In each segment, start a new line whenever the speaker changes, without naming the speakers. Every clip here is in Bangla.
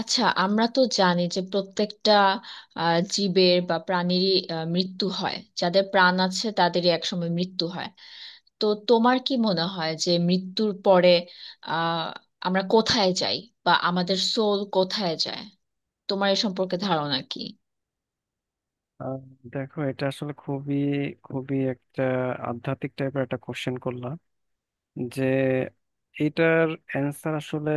আচ্ছা, আমরা তো জানি যে প্রত্যেকটা জীবের বা প্রাণীরই মৃত্যু হয়, যাদের প্রাণ আছে তাদেরই একসময় মৃত্যু হয়। তো তোমার কি মনে হয় যে মৃত্যুর পরে আহ আমরা কোথায় যাই বা আমাদের সোল কোথায় যায়? তোমার এ সম্পর্কে ধারণা কি?
আহ, দেখো, এটা আসলে খুবই খুবই একটা আধ্যাত্মিক টাইপের একটা কোশ্চেন করলাম যে এটার অ্যান্সার আসলে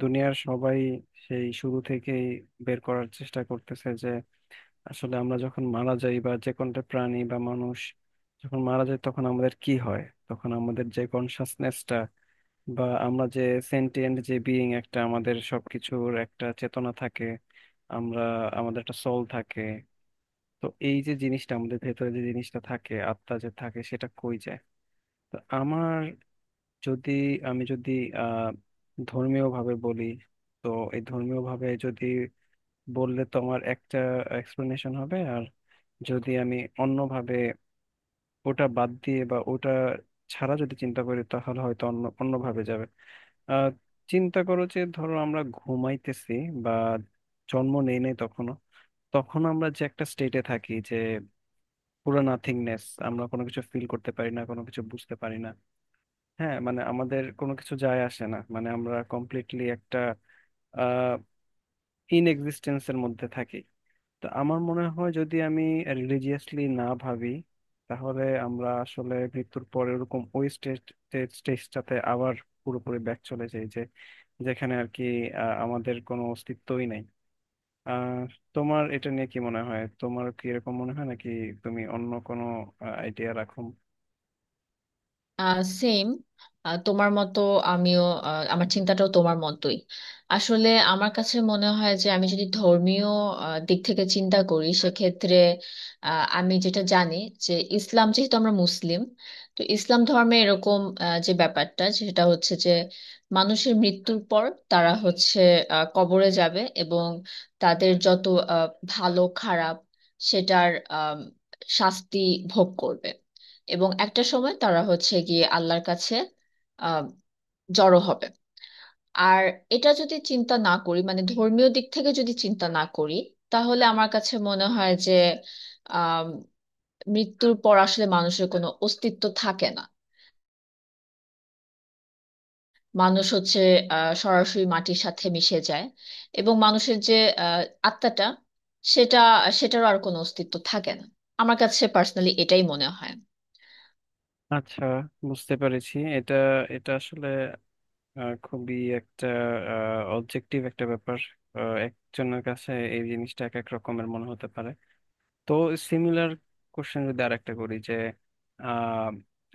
দুনিয়ার সবাই সেই শুরু থেকেই বের করার চেষ্টা করতেছে যে আসলে আমরা যখন মারা যাই বা যে কোনটা প্রাণী বা মানুষ যখন মারা যায় তখন আমাদের কি হয়। তখন আমাদের যে কনসাসনেসটা বা আমরা যে সেন্টিয়েন্ট যে বিইং, একটা আমাদের সবকিছুর একটা চেতনা থাকে, আমরা আমাদের একটা সোল থাকে। তো এই যে জিনিসটা আমাদের ভেতরে, যে জিনিসটা থাকে, আত্মা যে থাকে, সেটা কই যায়? তো আমার যদি আমি যদি আহ ধর্মীয় ভাবে বলি, তো এই ধর্মীয় ভাবে যদি বললে তো আমার একটা এক্সপ্লেনেশন হবে, আর যদি আমি অন্যভাবে, ওটা বাদ দিয়ে বা ওটা ছাড়া যদি চিন্তা করি, তাহলে হয়তো অন্যভাবে যাবে। আহ চিন্তা করো যে ধরো আমরা ঘুমাইতেছি বা জন্ম নেই নাই তখনো, তখন আমরা যে একটা স্টেটে থাকি, যে পুরো নাথিংনেস, আমরা কোনো কিছু ফিল করতে পারি না, কোনো কিছু বুঝতে পারি না। হ্যাঁ, মানে আমাদের কোনো কিছু যায় আসে না, মানে আমরা কমপ্লিটলি একটা আহ ইন এক্সিস্টেন্সের মধ্যে থাকি। তো আমার মনে হয় যদি আমি রিলিজিয়াসলি না ভাবি, তাহলে আমরা আসলে মৃত্যুর পরে ওরকম ওই স্টেজটাতে আবার পুরোপুরি ব্যাক চলে যাই, যে যেখানে আর কি আমাদের কোনো অস্তিত্বই নাই। আহ তোমার এটা নিয়ে কি মনে হয়? তোমার কি এরকম মনে হয়, নাকি তুমি অন্য কোনো আইডিয়া রাখো?
সেম তোমার মতো, আমিও, আমার চিন্তাটাও তোমার মতোই। আসলে আমার কাছে মনে হয় যে আমি যদি ধর্মীয় দিক থেকে চিন্তা করি, সেক্ষেত্রে আমি যেটা জানি যে ইসলাম, যেহেতু আমরা মুসলিম, তো ইসলাম ধর্মে এরকম যে ব্যাপারটা সেটা হচ্ছে যে মানুষের মৃত্যুর পর তারা হচ্ছে কবরে যাবে এবং তাদের যত আহ, ভালো খারাপ সেটার শাস্তি ভোগ করবে। এবং একটা সময় তারা হচ্ছে গিয়ে আল্লাহর কাছে আহ জড়ো হবে। আর এটা যদি চিন্তা না করি, মানে ধর্মীয় দিক থেকে যদি চিন্তা না করি, তাহলে আমার কাছে মনে হয় যে আহ মৃত্যুর পর আসলে মানুষের কোনো অস্তিত্ব থাকে না। মানুষ হচ্ছে সরাসরি মাটির সাথে মিশে যায় এবং মানুষের যে আহ আত্মাটা, সেটা সেটারও আর কোনো অস্তিত্ব থাকে না। আমার কাছে পার্সোনালি এটাই মনে হয়।
আচ্ছা, বুঝতে পেরেছি। এটা এটা আসলে খুবই একটা অবজেক্টিভ একটা ব্যাপার। একজনের কাছে এই জিনিসটা এক এক রকমের মনে হতে পারে। তো সিমিলার কোশ্চেন যদি আর একটা করি যে আহ,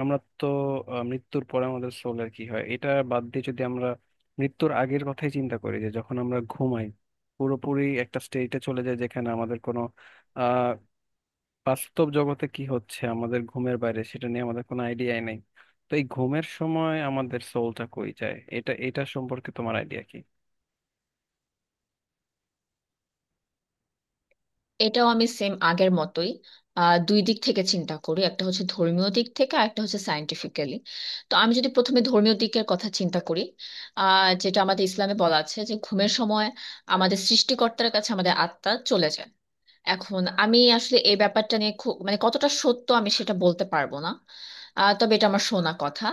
আমরা তো মৃত্যুর পরে আমাদের সোলের কি হয়, এটা বাদ দিয়ে যদি আমরা মৃত্যুর আগের কথাই চিন্তা করি, যে যখন আমরা ঘুমাই পুরোপুরি একটা স্টেটে চলে যায়, যেখানে আমাদের কোনো, বাস্তব জগতে কি হচ্ছে আমাদের ঘুমের বাইরে, সেটা নিয়ে আমাদের কোনো আইডিয়াই নেই। তো এই ঘুমের সময় আমাদের সোলটা কই যায়, এটা এটা সম্পর্কে তোমার আইডিয়া কি?
এটাও আমি সেম আগের মতোই, দুই দিক থেকে চিন্তা করি। একটা হচ্ছে ধর্মীয় দিক থেকে, আর একটা হচ্ছে সায়েন্টিফিক্যালি। তো আমি যদি প্রথমে ধর্মীয় দিকের কথা চিন্তা করি, যেটা আমাদের ইসলামে বলা আছে যে ঘুমের সময় আমাদের সৃষ্টিকর্তার কাছে আমাদের আত্মা চলে যায়। এখন আমি আসলে এই ব্যাপারটা নিয়ে খুব, মানে কতটা সত্য আমি সেটা বলতে পারবো না, তবে এটা আমার শোনা কথা।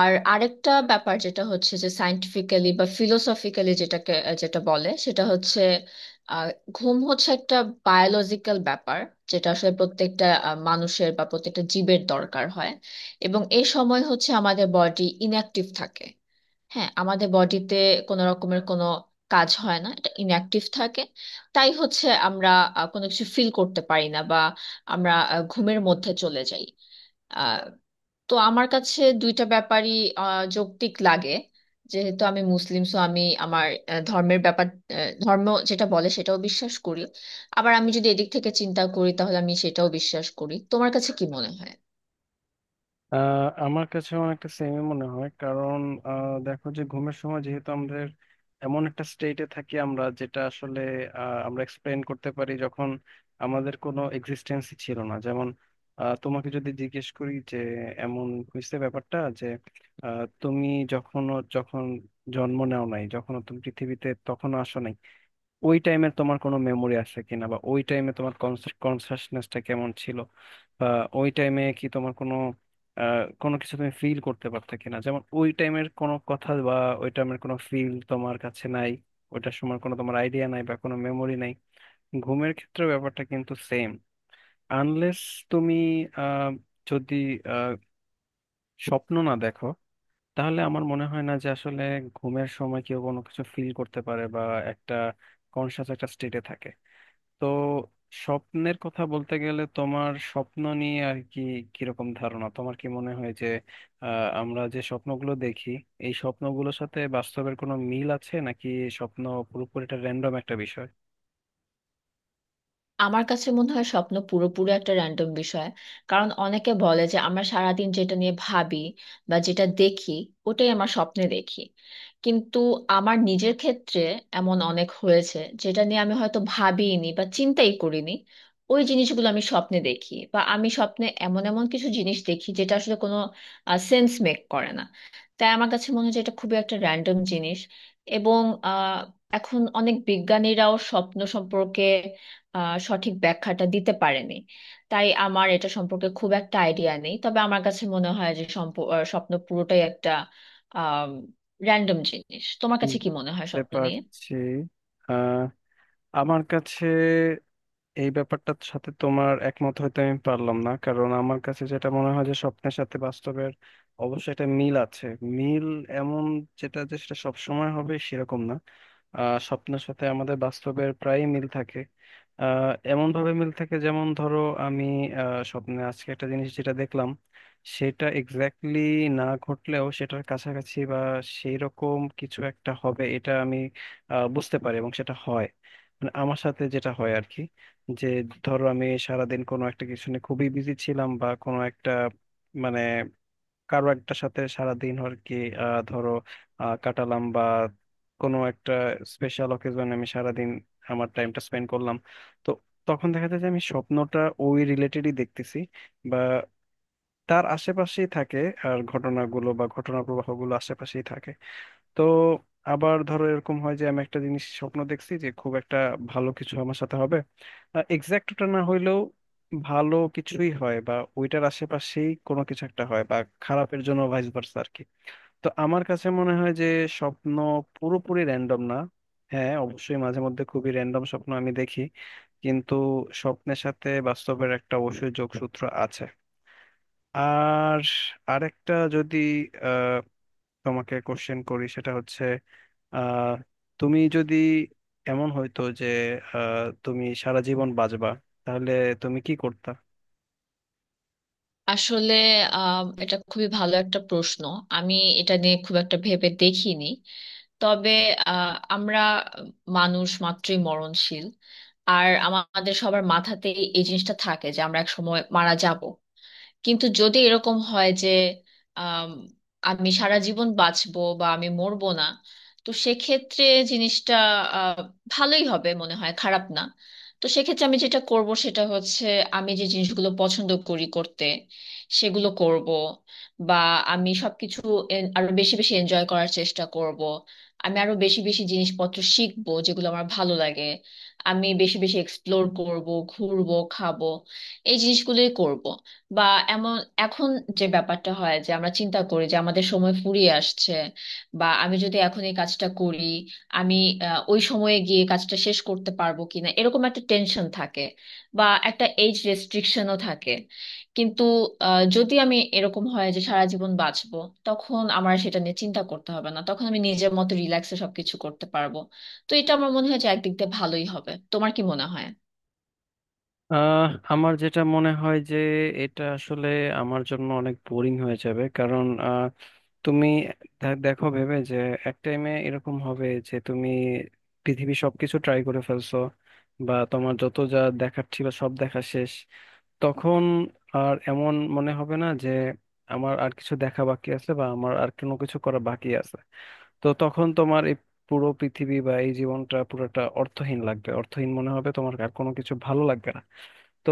আর আরেকটা ব্যাপার যেটা হচ্ছে যে সায়েন্টিফিক্যালি বা ফিলোসফিক্যালি যেটা বলে সেটা হচ্ছে আহ, ঘুম হচ্ছে একটা বায়োলজিক্যাল ব্যাপার, যেটা আসলে প্রত্যেকটা মানুষের বা প্রত্যেকটা জীবের দরকার হয়। এবং এই সময় হচ্ছে আমাদের বডি ইনঅ্যাক্টিভ থাকে। হ্যাঁ, আমাদের বডিতে কোনো রকমের কোনো কাজ হয় না, এটা ইনঅ্যাক্টিভ থাকে। তাই হচ্ছে আমরা কোনো কিছু ফিল করতে পারি না বা আমরা ঘুমের মধ্যে চলে যাই। আহ, তো আমার কাছে দুইটা ব্যাপারই যৌক্তিক লাগে। যেহেতু আমি মুসলিম, সো আমি আমার ধর্মের ব্যাপার, ধর্ম যেটা বলে সেটাও বিশ্বাস করি। আবার আমি যদি এদিক থেকে চিন্তা করি তাহলে আমি সেটাও বিশ্বাস করি। তোমার কাছে কি মনে হয়?
আমার কাছে অনেকটা সেমই মনে হয়, কারণ দেখো, যে ঘুমের সময় যেহেতু আমাদের এমন একটা স্টেটে থাকি আমরা, যেটা আসলে আমরা এক্সপ্লেন করতে পারি যখন আমাদের কোনো এক্সিস্টেন্সই ছিল না। যেমন তোমাকে যদি জিজ্ঞেস করি যে এমন হয়েছে ব্যাপারটা যে তুমি যখন জন্ম নেও নাই, যখন তুমি পৃথিবীতে তখনও আসো নাই, ওই টাইমে তোমার কোনো মেমোরি আছে কিনা, বা ওই টাইমে তোমার কনসাসনেসটা কেমন ছিল, বা ওই টাইমে কি তোমার কোনো কোনো কিছু তুমি ফিল করতে পারতে কিনা? যেমন ওই টাইমের কোনো কথা বা ওই টাইমের কোনো ফিল তোমার কাছে নাই, ওইটার সময় কোনো তোমার আইডিয়া নাই বা কোনো মেমোরি নাই। ঘুমের ক্ষেত্রে ব্যাপারটা কিন্তু সেম, আনলেস তুমি আহ, যদি আহ, স্বপ্ন না দেখো। তাহলে আমার মনে হয় না যে আসলে ঘুমের সময় কেউ কোনো কিছু ফিল করতে পারে বা একটা কনসাস একটা স্টেটে থাকে। তো স্বপ্নের কথা বলতে গেলে, তোমার স্বপ্ন নিয়ে আর কি কিরকম ধারণা? তোমার কি মনে হয় যে আমরা যে স্বপ্নগুলো দেখি, এই স্বপ্নগুলোর সাথে বাস্তবের কোনো মিল আছে, নাকি স্বপ্ন পুরোপুরি একটা র্যান্ডম একটা বিষয়?
আমার কাছে মনে হয় স্বপ্ন পুরোপুরি একটা র্যান্ডম বিষয়। কারণ অনেকে বলে যে আমরা সারাদিন যেটা নিয়ে ভাবি বা যেটা দেখি, ওটাই আমার স্বপ্নে দেখি। কিন্তু আমার নিজের ক্ষেত্রে এমন অনেক হয়েছে যেটা নিয়ে আমি হয়তো ভাবিনি বা চিন্তাই করিনি, ওই জিনিসগুলো আমি স্বপ্নে দেখি। বা আমি স্বপ্নে এমন এমন কিছু জিনিস দেখি যেটা আসলে কোনো সেন্স মেক করে না। তাই আমার কাছে মনে হয় যে এটা খুবই একটা র্যান্ডম জিনিস। এবং আহ, এখন অনেক বিজ্ঞানীরাও স্বপ্ন সম্পর্কে সঠিক ব্যাখ্যাটা দিতে পারেনি। তাই আমার এটা সম্পর্কে খুব একটা আইডিয়া নেই, তবে আমার কাছে মনে হয় যে স্বপ্ন পুরোটাই একটা র্যান্ডম জিনিস। তোমার কাছে কি মনে হয়
বুঝতে
স্বপ্ন নিয়ে?
পারছি। আহ আমার কাছে এই ব্যাপারটার সাথে তোমার একমত হইতে আমি পারলাম না, কারণ আমার কাছে যেটা মনে হয় যে স্বপ্নের সাথে বাস্তবের অবশ্যই একটা মিল আছে। মিল এমন, যেটা যে সেটা সবসময় হবে সেরকম না। স্বপ্নের সাথে আমাদের বাস্তবের প্রায় মিল থাকে। এমন ভাবে মিল থাকে, যেমন ধরো আমি স্বপ্নে আজকে একটা জিনিস যেটা দেখলাম, সেটা এক্স্যাক্টলি না ঘটলেও, সেটার কাছাকাছি বা সেই রকম কিছু একটা হবে, এটা আমি বুঝতে পারি এবং সেটা হয়। মানে আমার সাথে যেটা হয় আর কি, যে ধরো আমি সারাদিন কোনো একটা কিছু নিয়ে খুবই বিজি ছিলাম, বা কোনো একটা, মানে কারো একটা সাথে সারাদিন আর কি ধরো কাটালাম, বা কোনো একটা স্পেশাল অকেজন আমি সারাদিন আমার টাইমটা স্পেন্ড করলাম, তো তখন দেখা যায় যে আমি স্বপ্নটা ওই রিলেটেডই দেখতেছি, বা তার আশেপাশেই থাকে, আর ঘটনাগুলো বা ঘটনা প্রবাহগুলো আশেপাশেই থাকে। তো আবার ধরো এরকম হয় যে আমি একটা জিনিস স্বপ্ন দেখছি যে খুব একটা ভালো কিছু আমার সাথে হবে, এক্সাক্ট ওটা না হইলেও ভালো কিছুই হয়, বা ওইটার আশেপাশেই কোনো কিছু একটা হয়, বা খারাপের জন্য ভাইস ভার্সা আর কি। তো আমার কাছে মনে হয় যে স্বপ্ন পুরোপুরি র্যান্ডম না। হ্যাঁ, অবশ্যই মাঝে মধ্যে খুবই র্যান্ডম স্বপ্ন আমি দেখি, কিন্তু স্বপ্নের সাথে বাস্তবের একটা অবশ্যই যোগসূত্র আছে। আর আরেকটা যদি তোমাকে কোশ্চেন করি, সেটা হচ্ছে আহ তুমি যদি, এমন হইতো যে তুমি সারা জীবন বাঁচবা, তাহলে তুমি কি করতা?
আসলে এটা খুবই ভালো একটা প্রশ্ন। আমি এটা নিয়ে খুব একটা ভেবে দেখিনি। তবে আমরা মানুষ মাত্রই মরণশীল, আর আমাদের সবার মাথাতেই এই জিনিসটা থাকে যে আমরা এক সময় মারা যাব। কিন্তু যদি এরকম হয় যে আম, আমি সারা জীবন বাঁচবো বা আমি মরবো না, তো সেক্ষেত্রে জিনিসটা আহ, ভালোই হবে মনে হয়, খারাপ না। তো সেক্ষেত্রে আমি যেটা করব সেটা হচ্ছে আমি যে জিনিসগুলো পছন্দ করি করতে, সেগুলো করব। বা আমি সবকিছু আরো বেশি বেশি এনজয় করার চেষ্টা করব। আমি আরো বেশি বেশি জিনিসপত্র শিখবো যেগুলো আমার ভালো লাগে। আমি বেশি বেশি এক্সপ্লোর করব, ঘুরবো, খাবো, এই জিনিসগুলোই করব। বা এমন, এখন যে ব্যাপারটা হয় যে আমরা চিন্তা করি যে আমাদের সময় ফুরিয়ে আসছে, বা আমি যদি এখন এই কাজটা করি, আমি ওই সময়ে গিয়ে কাজটা শেষ করতে পারবো কিনা, এরকম একটা টেনশন থাকে, বা একটা এজ রেস্ট্রিকশনও থাকে। কিন্তু যদি আমি এরকম হয় যে সারা জীবন বাঁচবো, তখন আমার সেটা নিয়ে চিন্তা করতে হবে না, তখন আমি নিজের মতো রিল্যাক্সে সবকিছু করতে পারবো। তো এটা আমার মনে হয় যে একদিক দিয়ে ভালোই হবে। তোমার কি মনে হয়?
আহ আমার যেটা মনে হয় যে এটা আসলে আমার জন্য অনেক বোরিং হয়ে যাবে, কারণ তুমি দেখো ভেবে, যে এক টাইমে এরকম হবে যে তুমি পৃথিবীর সবকিছু ট্রাই করে ফেলছো, বা তোমার যত যা দেখার ছিল সব দেখা শেষ। তখন আর এমন মনে হবে না যে আমার আর কিছু দেখা বাকি আছে বা আমার আর কোনো কিছু করা বাকি আছে। তো তখন তোমার এই পুরো পৃথিবী বা এই জীবনটা পুরোটা অর্থহীন লাগবে, অর্থহীন মনে হবে, তোমার আর কোনো কিছু ভালো লাগবে না। তো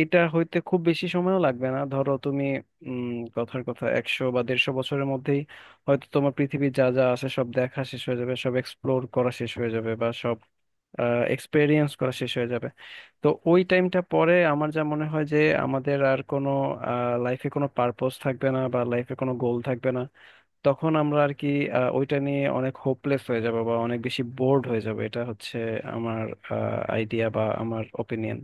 এটা হইতে খুব বেশি সময়ও লাগবে না, ধরো তুমি কথার কথা 100 বা 150 বছরের মধ্যেই হয়তো তোমার পৃথিবীর যা যা আছে সব দেখা শেষ হয়ে যাবে, সব এক্সপ্লোর করা শেষ হয়ে যাবে বা সব এক্সপেরিয়েন্স করা শেষ হয়ে যাবে। তো ওই টাইমটা পরে আমার যা মনে হয় যে আমাদের আর কোনো, লাইফে কোনো পারপোজ থাকবে না বা লাইফে কোনো গোল থাকবে না। তখন আমরা আর কি ওইটা নিয়ে অনেক হোপলেস হয়ে যাব বা অনেক বেশি বোর্ড হয়ে যাব। এটা হচ্ছে আমার আইডিয়া বা আমার ওপিনিয়ন।